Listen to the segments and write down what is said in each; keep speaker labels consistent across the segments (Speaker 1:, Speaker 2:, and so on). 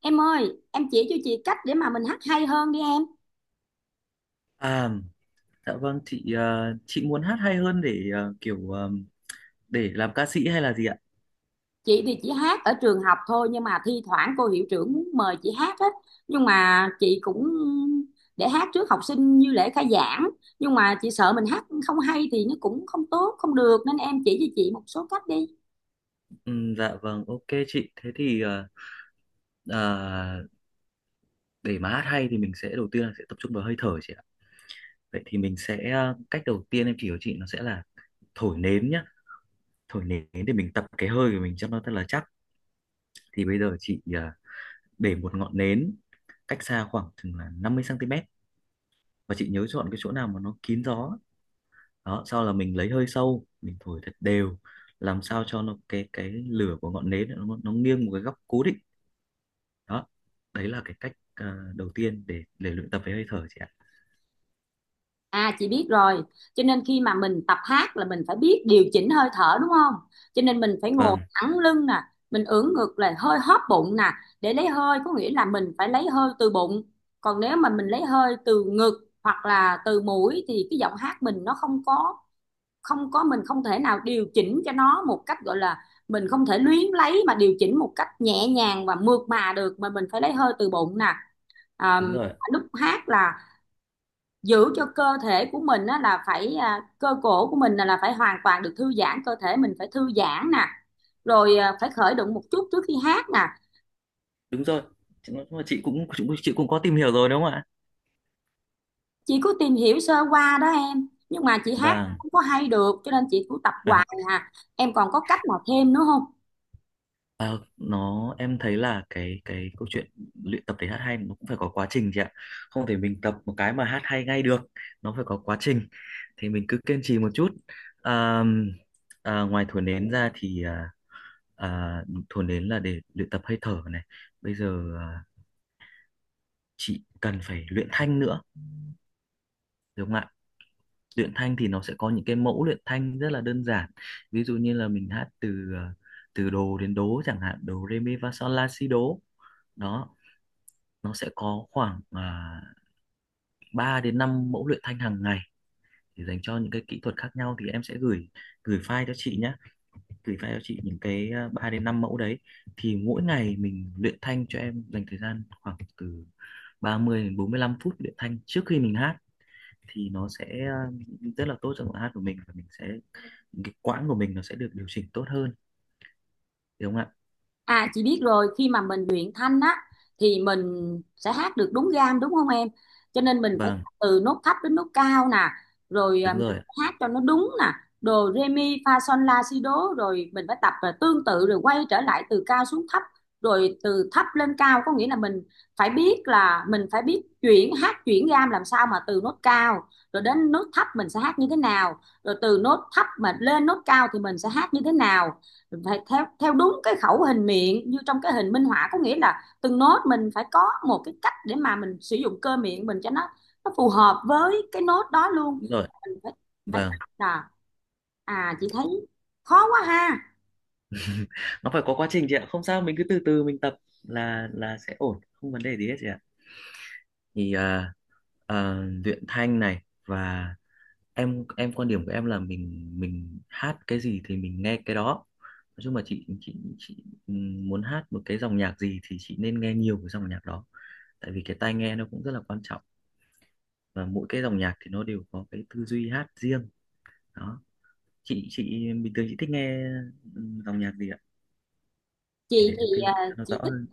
Speaker 1: Em ơi, em chỉ cho chị cách để mà mình hát hay hơn đi em.
Speaker 2: À, dạ vâng chị, chị muốn hát hay hơn để kiểu, để làm ca sĩ hay là gì ạ?
Speaker 1: Chị thì chỉ hát ở trường học thôi nhưng mà thi thoảng cô hiệu trưởng muốn mời chị hát á. Nhưng mà chị cũng để hát trước học sinh như lễ khai giảng. Nhưng mà chị sợ mình hát không hay thì nó cũng không tốt, không được nên em chỉ cho chị một số cách đi.
Speaker 2: Dạ vâng, ok chị. Thế thì ờ, để mà hát hay thì mình sẽ đầu tiên là sẽ tập trung vào hơi thở chị ạ. Vậy thì mình sẽ, cách đầu tiên em chỉ cho chị nó sẽ là thổi nến nhá. Thổi nến để mình tập cái hơi của mình cho nó thật là chắc. Thì bây giờ chị để một ngọn nến cách xa khoảng chừng là 50 cm, và chị nhớ chọn cái chỗ nào mà nó kín gió, đó sau là mình lấy hơi sâu mình thổi thật đều, làm sao cho nó cái lửa của ngọn nến nó nghiêng một cái góc cố định. Đó, đấy là cái cách đầu tiên để luyện tập với hơi thở chị ạ.
Speaker 1: À, chị biết rồi, cho nên khi mà mình tập hát là mình phải biết điều chỉnh hơi thở đúng không? Cho nên mình phải ngồi
Speaker 2: Vâng,
Speaker 1: thẳng lưng nè, mình ưỡn ngực là hơi hóp bụng nè, để lấy hơi có nghĩa là mình phải lấy hơi từ bụng. Còn nếu mà mình lấy hơi từ ngực hoặc là từ mũi thì cái giọng hát mình nó không có mình không thể nào điều chỉnh cho nó một cách gọi là mình không thể luyến lấy mà điều chỉnh một cách nhẹ nhàng và mượt mà được mà mình phải lấy hơi từ bụng nè. À,
Speaker 2: đúng rồi,
Speaker 1: lúc hát là giữ cho cơ thể của mình á, là phải cơ cổ của mình là phải hoàn toàn được thư giãn, cơ thể mình phải thư giãn nè, rồi phải khởi động một chút trước khi hát nè.
Speaker 2: đúng rồi chị, nói chung là chị cũng có tìm hiểu rồi đúng không ạ?
Speaker 1: Chị có tìm hiểu sơ qua đó em, nhưng mà chị hát
Speaker 2: Vâng.
Speaker 1: không có hay được cho nên chị cũng tập hoài hà, em còn có cách nào thêm nữa không?
Speaker 2: À, nó em thấy là cái câu chuyện luyện tập để hát hay nó cũng phải có quá trình chị ạ. Không thể mình tập một cái mà hát hay ngay được, nó phải có quá trình, thì mình cứ kiên trì một chút. à, Ngoài thổi nến ra thì à, thổi nến là để luyện tập hơi thở này. Bây giờ chị cần phải luyện thanh nữa được không ạ? Luyện thanh thì nó sẽ có những cái mẫu luyện thanh rất là đơn giản, ví dụ như là mình hát từ, à, từ đồ đến đố chẳng hạn: đồ re mi fa sol la si đố. Đó, nó sẽ có khoảng 3 đến 5 mẫu luyện thanh hàng ngày để dành cho những cái kỹ thuật khác nhau, thì em sẽ gửi gửi file cho chị nhé, gửi file cho chị những cái 3 đến 5 mẫu đấy. Thì mỗi ngày mình luyện thanh, cho em dành thời gian khoảng từ 30 đến 45 phút luyện thanh trước khi mình hát, thì nó sẽ rất là tốt cho giọng hát của mình, và mình sẽ, cái quãng của mình nó sẽ được điều chỉnh tốt hơn đúng không ạ?
Speaker 1: À, chị biết rồi, khi mà mình luyện thanh á thì mình sẽ hát được đúng gam đúng không em? Cho nên mình phải
Speaker 2: Vâng,
Speaker 1: từ nốt thấp đến nốt cao nè, rồi
Speaker 2: đúng
Speaker 1: mình
Speaker 2: rồi,
Speaker 1: phải hát cho nó đúng nè, đồ re mi fa son la si đố, rồi mình phải tập, và tương tự rồi quay trở lại từ cao xuống thấp, rồi từ thấp lên cao, có nghĩa là mình phải biết là mình phải biết chuyển hát chuyển gam làm sao mà từ nốt cao rồi đến nốt thấp mình sẽ hát như thế nào, rồi từ nốt thấp mà lên nốt cao thì mình sẽ hát như thế nào, phải theo theo đúng cái khẩu hình miệng như trong cái hình minh họa, có nghĩa là từng nốt mình phải có một cái cách để mà mình sử dụng cơ miệng mình cho nó phù hợp với cái nốt đó luôn.
Speaker 2: đúng rồi.
Speaker 1: Mình phải phải
Speaker 2: Vâng,
Speaker 1: tập là, à, chị thấy khó quá ha.
Speaker 2: nó phải có quá trình chị ạ, không sao mình cứ từ từ mình tập là sẽ ổn, không vấn đề gì hết chị ạ. Thì à, luyện thanh này, và em quan điểm của em là mình hát cái gì thì mình nghe cái đó. Nói chung là chị muốn hát một cái dòng nhạc gì thì chị nên nghe nhiều cái dòng nhạc đó, tại vì cái tai nghe nó cũng rất là quan trọng, và mỗi cái dòng nhạc thì nó đều có cái tư duy hát riêng. Đó, chị bình thường chị thích nghe dòng nhạc gì ạ? Thì để
Speaker 1: Chị
Speaker 2: em
Speaker 1: thì
Speaker 2: tư
Speaker 1: à,
Speaker 2: vấn cho nó rõ
Speaker 1: chị
Speaker 2: hơn.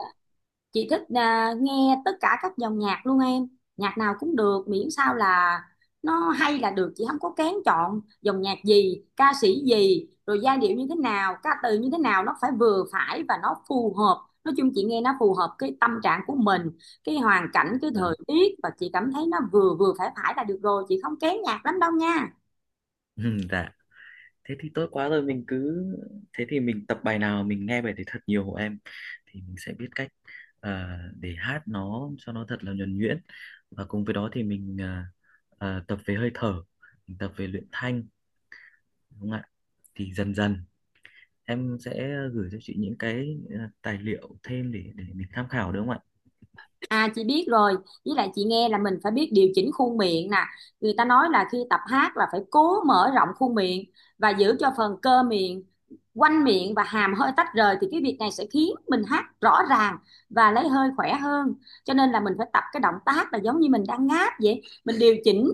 Speaker 1: chị thích nghe tất cả các dòng nhạc luôn em, nhạc nào cũng được miễn sao là nó hay là được, chị không có kén chọn dòng nhạc gì, ca sĩ gì, rồi giai điệu như thế nào, ca từ như thế nào nó phải vừa phải và nó phù hợp. Nói chung chị nghe nó phù hợp cái tâm trạng của mình, cái hoàn cảnh, cái
Speaker 2: Ờ.
Speaker 1: thời tiết, và chị cảm thấy nó vừa vừa phải phải là được rồi, chị không kén nhạc lắm đâu nha.
Speaker 2: Dạ, thế thì tốt quá rồi mình cứ, thế thì mình tập bài nào mình nghe bài đấy thật nhiều em, thì mình sẽ biết cách, ờ, để hát nó cho nó thật là nhuần nhuyễn, và cùng với đó thì mình tập về hơi thở, mình tập về luyện thanh đúng không ạ? Thì dần dần em sẽ gửi cho chị những cái tài liệu thêm để mình tham khảo đúng không ạ?
Speaker 1: À, chị biết rồi, với lại chị nghe là mình phải biết điều chỉnh khuôn miệng nè. Người ta nói là khi tập hát là phải cố mở rộng khuôn miệng và giữ cho phần cơ miệng, quanh miệng và hàm hơi tách rời thì cái việc này sẽ khiến mình hát rõ ràng và lấy hơi khỏe hơn. Cho nên là mình phải tập cái động tác là giống như mình đang ngáp vậy. Mình điều chỉnh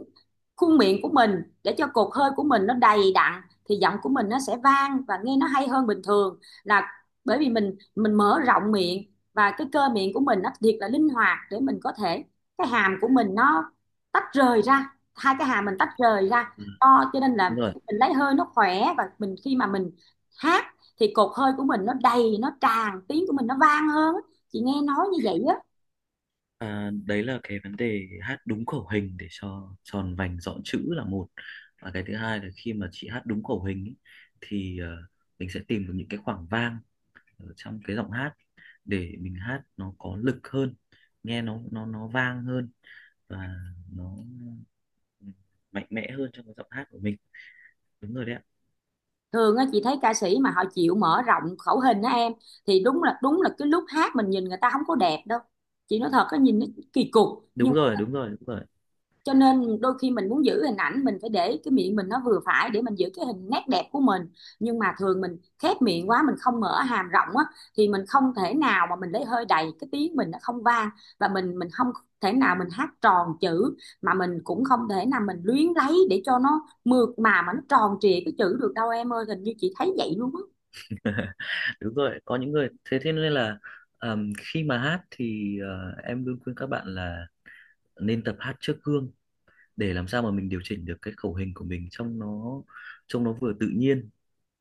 Speaker 1: khuôn miệng của mình để cho cột hơi của mình nó đầy đặn thì giọng của mình nó sẽ vang và nghe nó hay hơn bình thường, là bởi vì mình mở rộng miệng và cái cơ miệng của mình nó thiệt là linh hoạt để mình có thể, cái hàm của mình nó tách rời ra, hai cái hàm mình tách rời ra
Speaker 2: Ừ,
Speaker 1: to, cho nên là
Speaker 2: đúng rồi.
Speaker 1: mình lấy hơi nó khỏe, và mình khi mà mình hát thì cột hơi của mình nó đầy, nó tràn, tiếng của mình nó vang hơn, chị nghe nói như vậy á.
Speaker 2: À, đấy là cái vấn đề hát đúng khẩu hình để cho tròn vành rõ chữ là một, và cái thứ hai là khi mà chị hát đúng khẩu hình ý, thì mình sẽ tìm được những cái khoảng vang ở trong cái giọng hát để mình hát nó có lực hơn, nghe nó vang hơn, và nó mạnh mẽ hơn trong cái giọng hát của mình. Đúng rồi đấy ạ.
Speaker 1: Thường á chị thấy ca sĩ mà họ chịu mở rộng khẩu hình á em, thì đúng là cái lúc hát mình nhìn người ta không có đẹp đâu, chị nói thật á, nhìn nó kỳ cục. nhưng
Speaker 2: Đúng rồi, đúng rồi, đúng rồi.
Speaker 1: cho nên đôi khi mình muốn giữ hình ảnh mình phải để cái miệng mình nó vừa phải để mình giữ cái hình nét đẹp của mình, nhưng mà thường mình khép miệng quá, mình không mở hàm rộng á thì mình không thể nào mà mình lấy hơi đầy, cái tiếng mình nó không vang, và mình không thể nào mình hát tròn chữ, mà mình cũng không thể nào mình luyến lấy để cho nó mượt mà nó tròn trịa cái chữ được đâu em ơi, hình như chị thấy vậy luôn á.
Speaker 2: Đúng rồi, có những người thế, thế nên là, khi mà hát thì em luôn khuyên các bạn là nên tập hát trước gương, để làm sao mà mình điều chỉnh được cái khẩu hình của mình trông nó, trông nó vừa tự nhiên.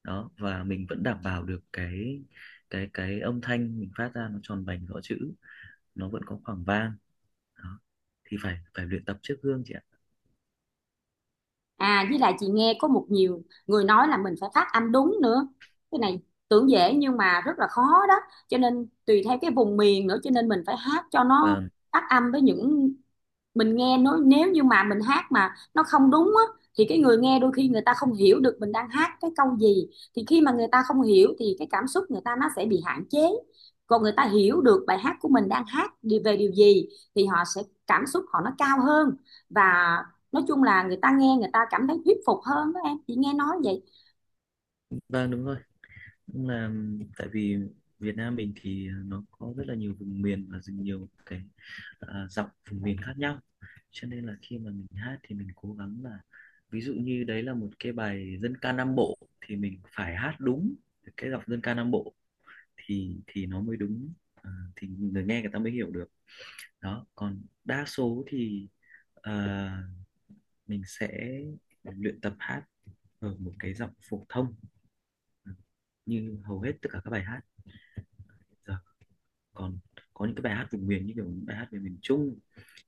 Speaker 2: Đó, và mình vẫn đảm bảo được cái âm thanh mình phát ra nó tròn vành rõ chữ, nó vẫn có khoảng vang. Đó, thì phải phải luyện tập trước gương chị ạ.
Speaker 1: À, với lại chị nghe có một nhiều người nói là mình phải phát âm đúng nữa. Cái này tưởng dễ nhưng mà rất là khó đó. Cho nên tùy theo cái vùng miền nữa, cho nên mình phải hát cho nó
Speaker 2: Và
Speaker 1: phát âm với những, mình nghe nó, nếu như mà mình hát mà nó không đúng á thì cái người nghe đôi khi người ta không hiểu được mình đang hát cái câu gì, thì khi mà người ta không hiểu thì cái cảm xúc người ta nó sẽ bị hạn chế, còn người ta hiểu được bài hát của mình đang hát đi về điều gì thì họ sẽ, cảm xúc họ nó cao hơn, và nói chung là người ta nghe người ta cảm thấy thuyết phục hơn đó em, chị nghe nói vậy.
Speaker 2: vâng, đúng rồi. Cũng là, tại vì Việt Nam mình thì nó có rất là nhiều vùng miền, và nhiều cái dọc vùng miền khác nhau, cho nên là khi mà mình hát thì mình cố gắng là, ví dụ như đấy là một cái bài dân ca Nam Bộ thì mình phải hát đúng cái dòng dân ca Nam Bộ, thì nó mới đúng, thì người nghe người ta mới hiểu được. Đó, còn đa số thì ờ, mình sẽ luyện tập hát ở một cái giọng phổ thông, ờ, như hầu hết tất cả các bài hát giờ. Còn có những cái bài hát vùng miền như kiểu những bài hát về miền Trung,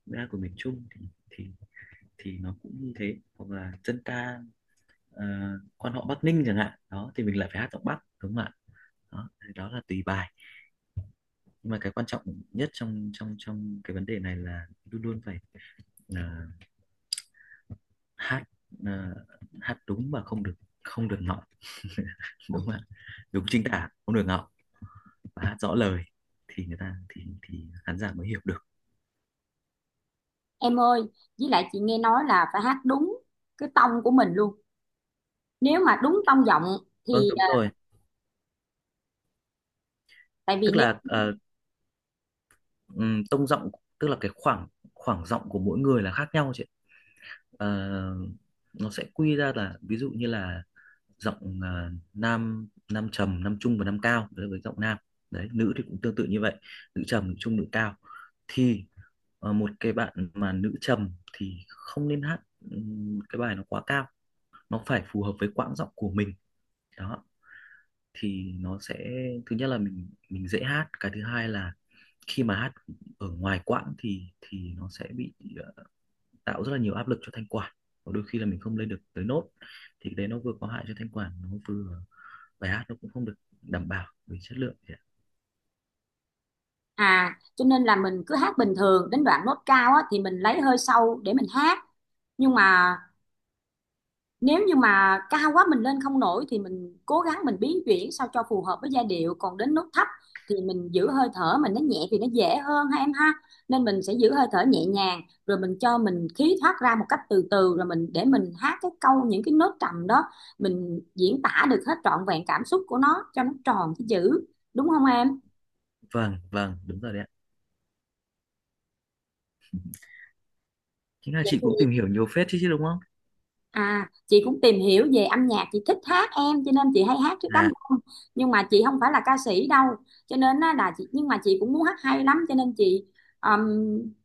Speaker 2: bài hát của miền Trung thì, thì thì nó cũng như thế, hoặc là dân ca ờ, quan họ Bắc Ninh chẳng hạn, đó thì mình lại phải hát giọng Bắc đúng không ạ? Đó thì đó là tùy bài, nhưng mà cái quan trọng nhất trong trong trong cái vấn đề này là luôn luôn phải, là hát, là hát đúng và không được ngọng đúng không ạ? Đúng chính tả, không được ngọng, và hát rõ lời thì người ta, thì khán giả mới hiểu được.
Speaker 1: Em ơi, với lại chị nghe nói là phải hát đúng cái tông của mình luôn, nếu mà đúng tông giọng
Speaker 2: Vâng,
Speaker 1: thì
Speaker 2: đúng rồi.
Speaker 1: tại vì.
Speaker 2: Tức là, tông giọng tức là cái khoảng khoảng giọng của mỗi người là khác nhau chị ạ. Ờ, nó sẽ quy ra là, ví dụ như là giọng nam nam trầm, nam trung và nam cao, đấy là với giọng nam. Đấy, nữ thì cũng tương tự như vậy: nữ trầm, nữ trung, nữ cao. Thì một cái bạn mà nữ trầm thì không nên hát cái bài nó quá cao, nó phải phù hợp với quãng giọng của mình. Đó, thì nó sẽ, thứ nhất là mình dễ hát, cái thứ hai là khi mà hát ở ngoài quãng thì nó sẽ bị, ờ, tạo rất là nhiều áp lực cho thanh quản, và đôi khi là mình không lên được tới nốt, thì cái đấy nó vừa có hại cho thanh quản, nó vừa, bài hát nó cũng không được đảm bảo về chất lượng chị ạ.
Speaker 1: À, cho nên là mình cứ hát bình thường đến đoạn nốt cao á, thì mình lấy hơi sâu để mình hát. Nhưng mà nếu như mà cao quá mình lên không nổi thì mình cố gắng mình biến chuyển sao cho phù hợp với giai điệu. Còn đến nốt thấp thì mình giữ hơi thở mình nó nhẹ thì nó dễ hơn ha em ha. Nên mình sẽ giữ hơi thở nhẹ nhàng rồi mình cho mình khí thoát ra một cách từ từ rồi mình để mình hát cái câu những cái nốt trầm đó, mình diễn tả được hết trọn vẹn cảm xúc của nó cho nó tròn cái chữ đúng không em?
Speaker 2: Vâng, vâng đúng rồi đấy ạ. Chính là
Speaker 1: Vậy
Speaker 2: chị
Speaker 1: thì,
Speaker 2: cũng tìm hiểu nhiều phết chứ chứ đúng không?
Speaker 1: à, chị cũng tìm hiểu về âm nhạc, chị thích hát em cho nên chị hay hát trước đám
Speaker 2: À
Speaker 1: đông. Nhưng mà chị không phải là ca sĩ đâu. Cho nên á, là chị, nhưng mà chị cũng muốn hát hay lắm cho nên chị, ừm,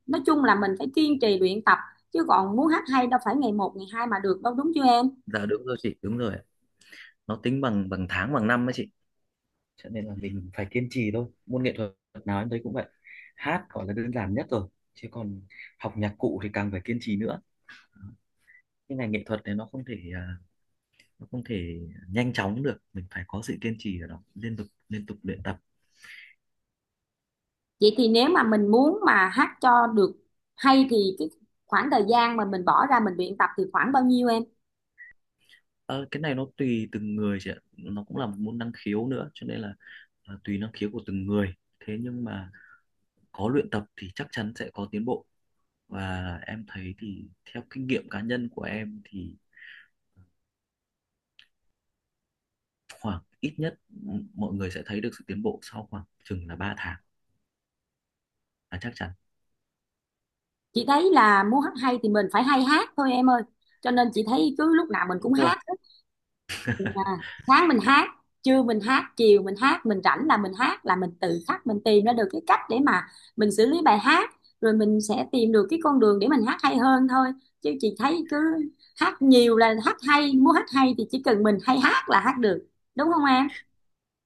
Speaker 1: nói chung là mình phải kiên trì luyện tập chứ còn muốn hát hay đâu phải ngày một ngày hai mà được đâu đúng chưa em?
Speaker 2: dạ đúng rồi chị, đúng rồi ạ. Nó tính bằng bằng tháng bằng năm ấy chị, cho nên là mình phải kiên trì thôi. Môn nghệ thuật nào em thấy cũng vậy, hát gọi là đơn giản nhất rồi, chứ còn học nhạc cụ thì càng phải kiên trì nữa. Cái ngành nghệ thuật này nó không thể nó không thể nhanh chóng được, mình phải có sự kiên trì ở đó, liên tục luyện tập.
Speaker 1: Vậy thì nếu mà mình muốn mà hát cho được hay thì cái khoảng thời gian mà mình bỏ ra mình luyện tập thì khoảng bao nhiêu em?
Speaker 2: Ờ, cái này nó tùy từng người chị ạ, nó cũng là một môn năng khiếu nữa, cho nên là tùy năng khiếu của từng người. Thế nhưng mà có luyện tập thì chắc chắn sẽ có tiến bộ, và em thấy thì theo kinh nghiệm cá nhân của em thì khoảng ít nhất mọi người sẽ thấy được sự tiến bộ sau khoảng chừng là 3 tháng là chắc chắn.
Speaker 1: Chị thấy là muốn hát hay thì mình phải hay hát thôi em ơi. Cho nên chị thấy cứ lúc nào mình
Speaker 2: Đúng
Speaker 1: cũng
Speaker 2: rồi,
Speaker 1: hát, à, sáng mình hát, trưa mình hát, chiều mình hát, mình rảnh là mình hát, là mình tự khắc mình tìm ra được cái cách để mà mình xử lý bài hát, rồi mình sẽ tìm được cái con đường để mình hát hay hơn thôi, chứ chị thấy cứ hát nhiều là hát hay, muốn hát hay thì chỉ cần mình hay hát là hát được đúng không em?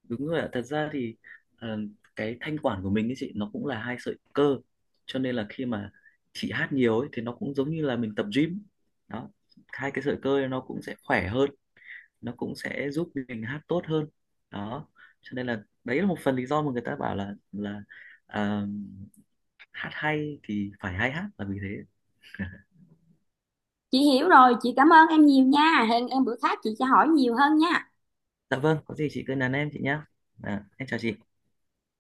Speaker 2: đúng rồi ạ. Thật ra thì, ờ, cái thanh quản của mình ấy chị, nó cũng là hai sợi cơ. Cho nên là khi mà chị hát nhiều ấy thì nó cũng giống như là mình tập gym. Đó, hai cái sợi cơ ấy nó cũng sẽ khỏe hơn, nó cũng sẽ giúp mình hát tốt hơn. Đó. Cho nên là đấy là một phần lý do mà người ta bảo là ờ, hát hay thì phải hay hát là vì thế.
Speaker 1: Chị hiểu rồi, chị cảm ơn em nhiều nha, hẹn em bữa khác chị sẽ hỏi nhiều hơn nha.
Speaker 2: Dạ vâng, có gì chị cứ nhắn em chị nhá. À, em chào chị.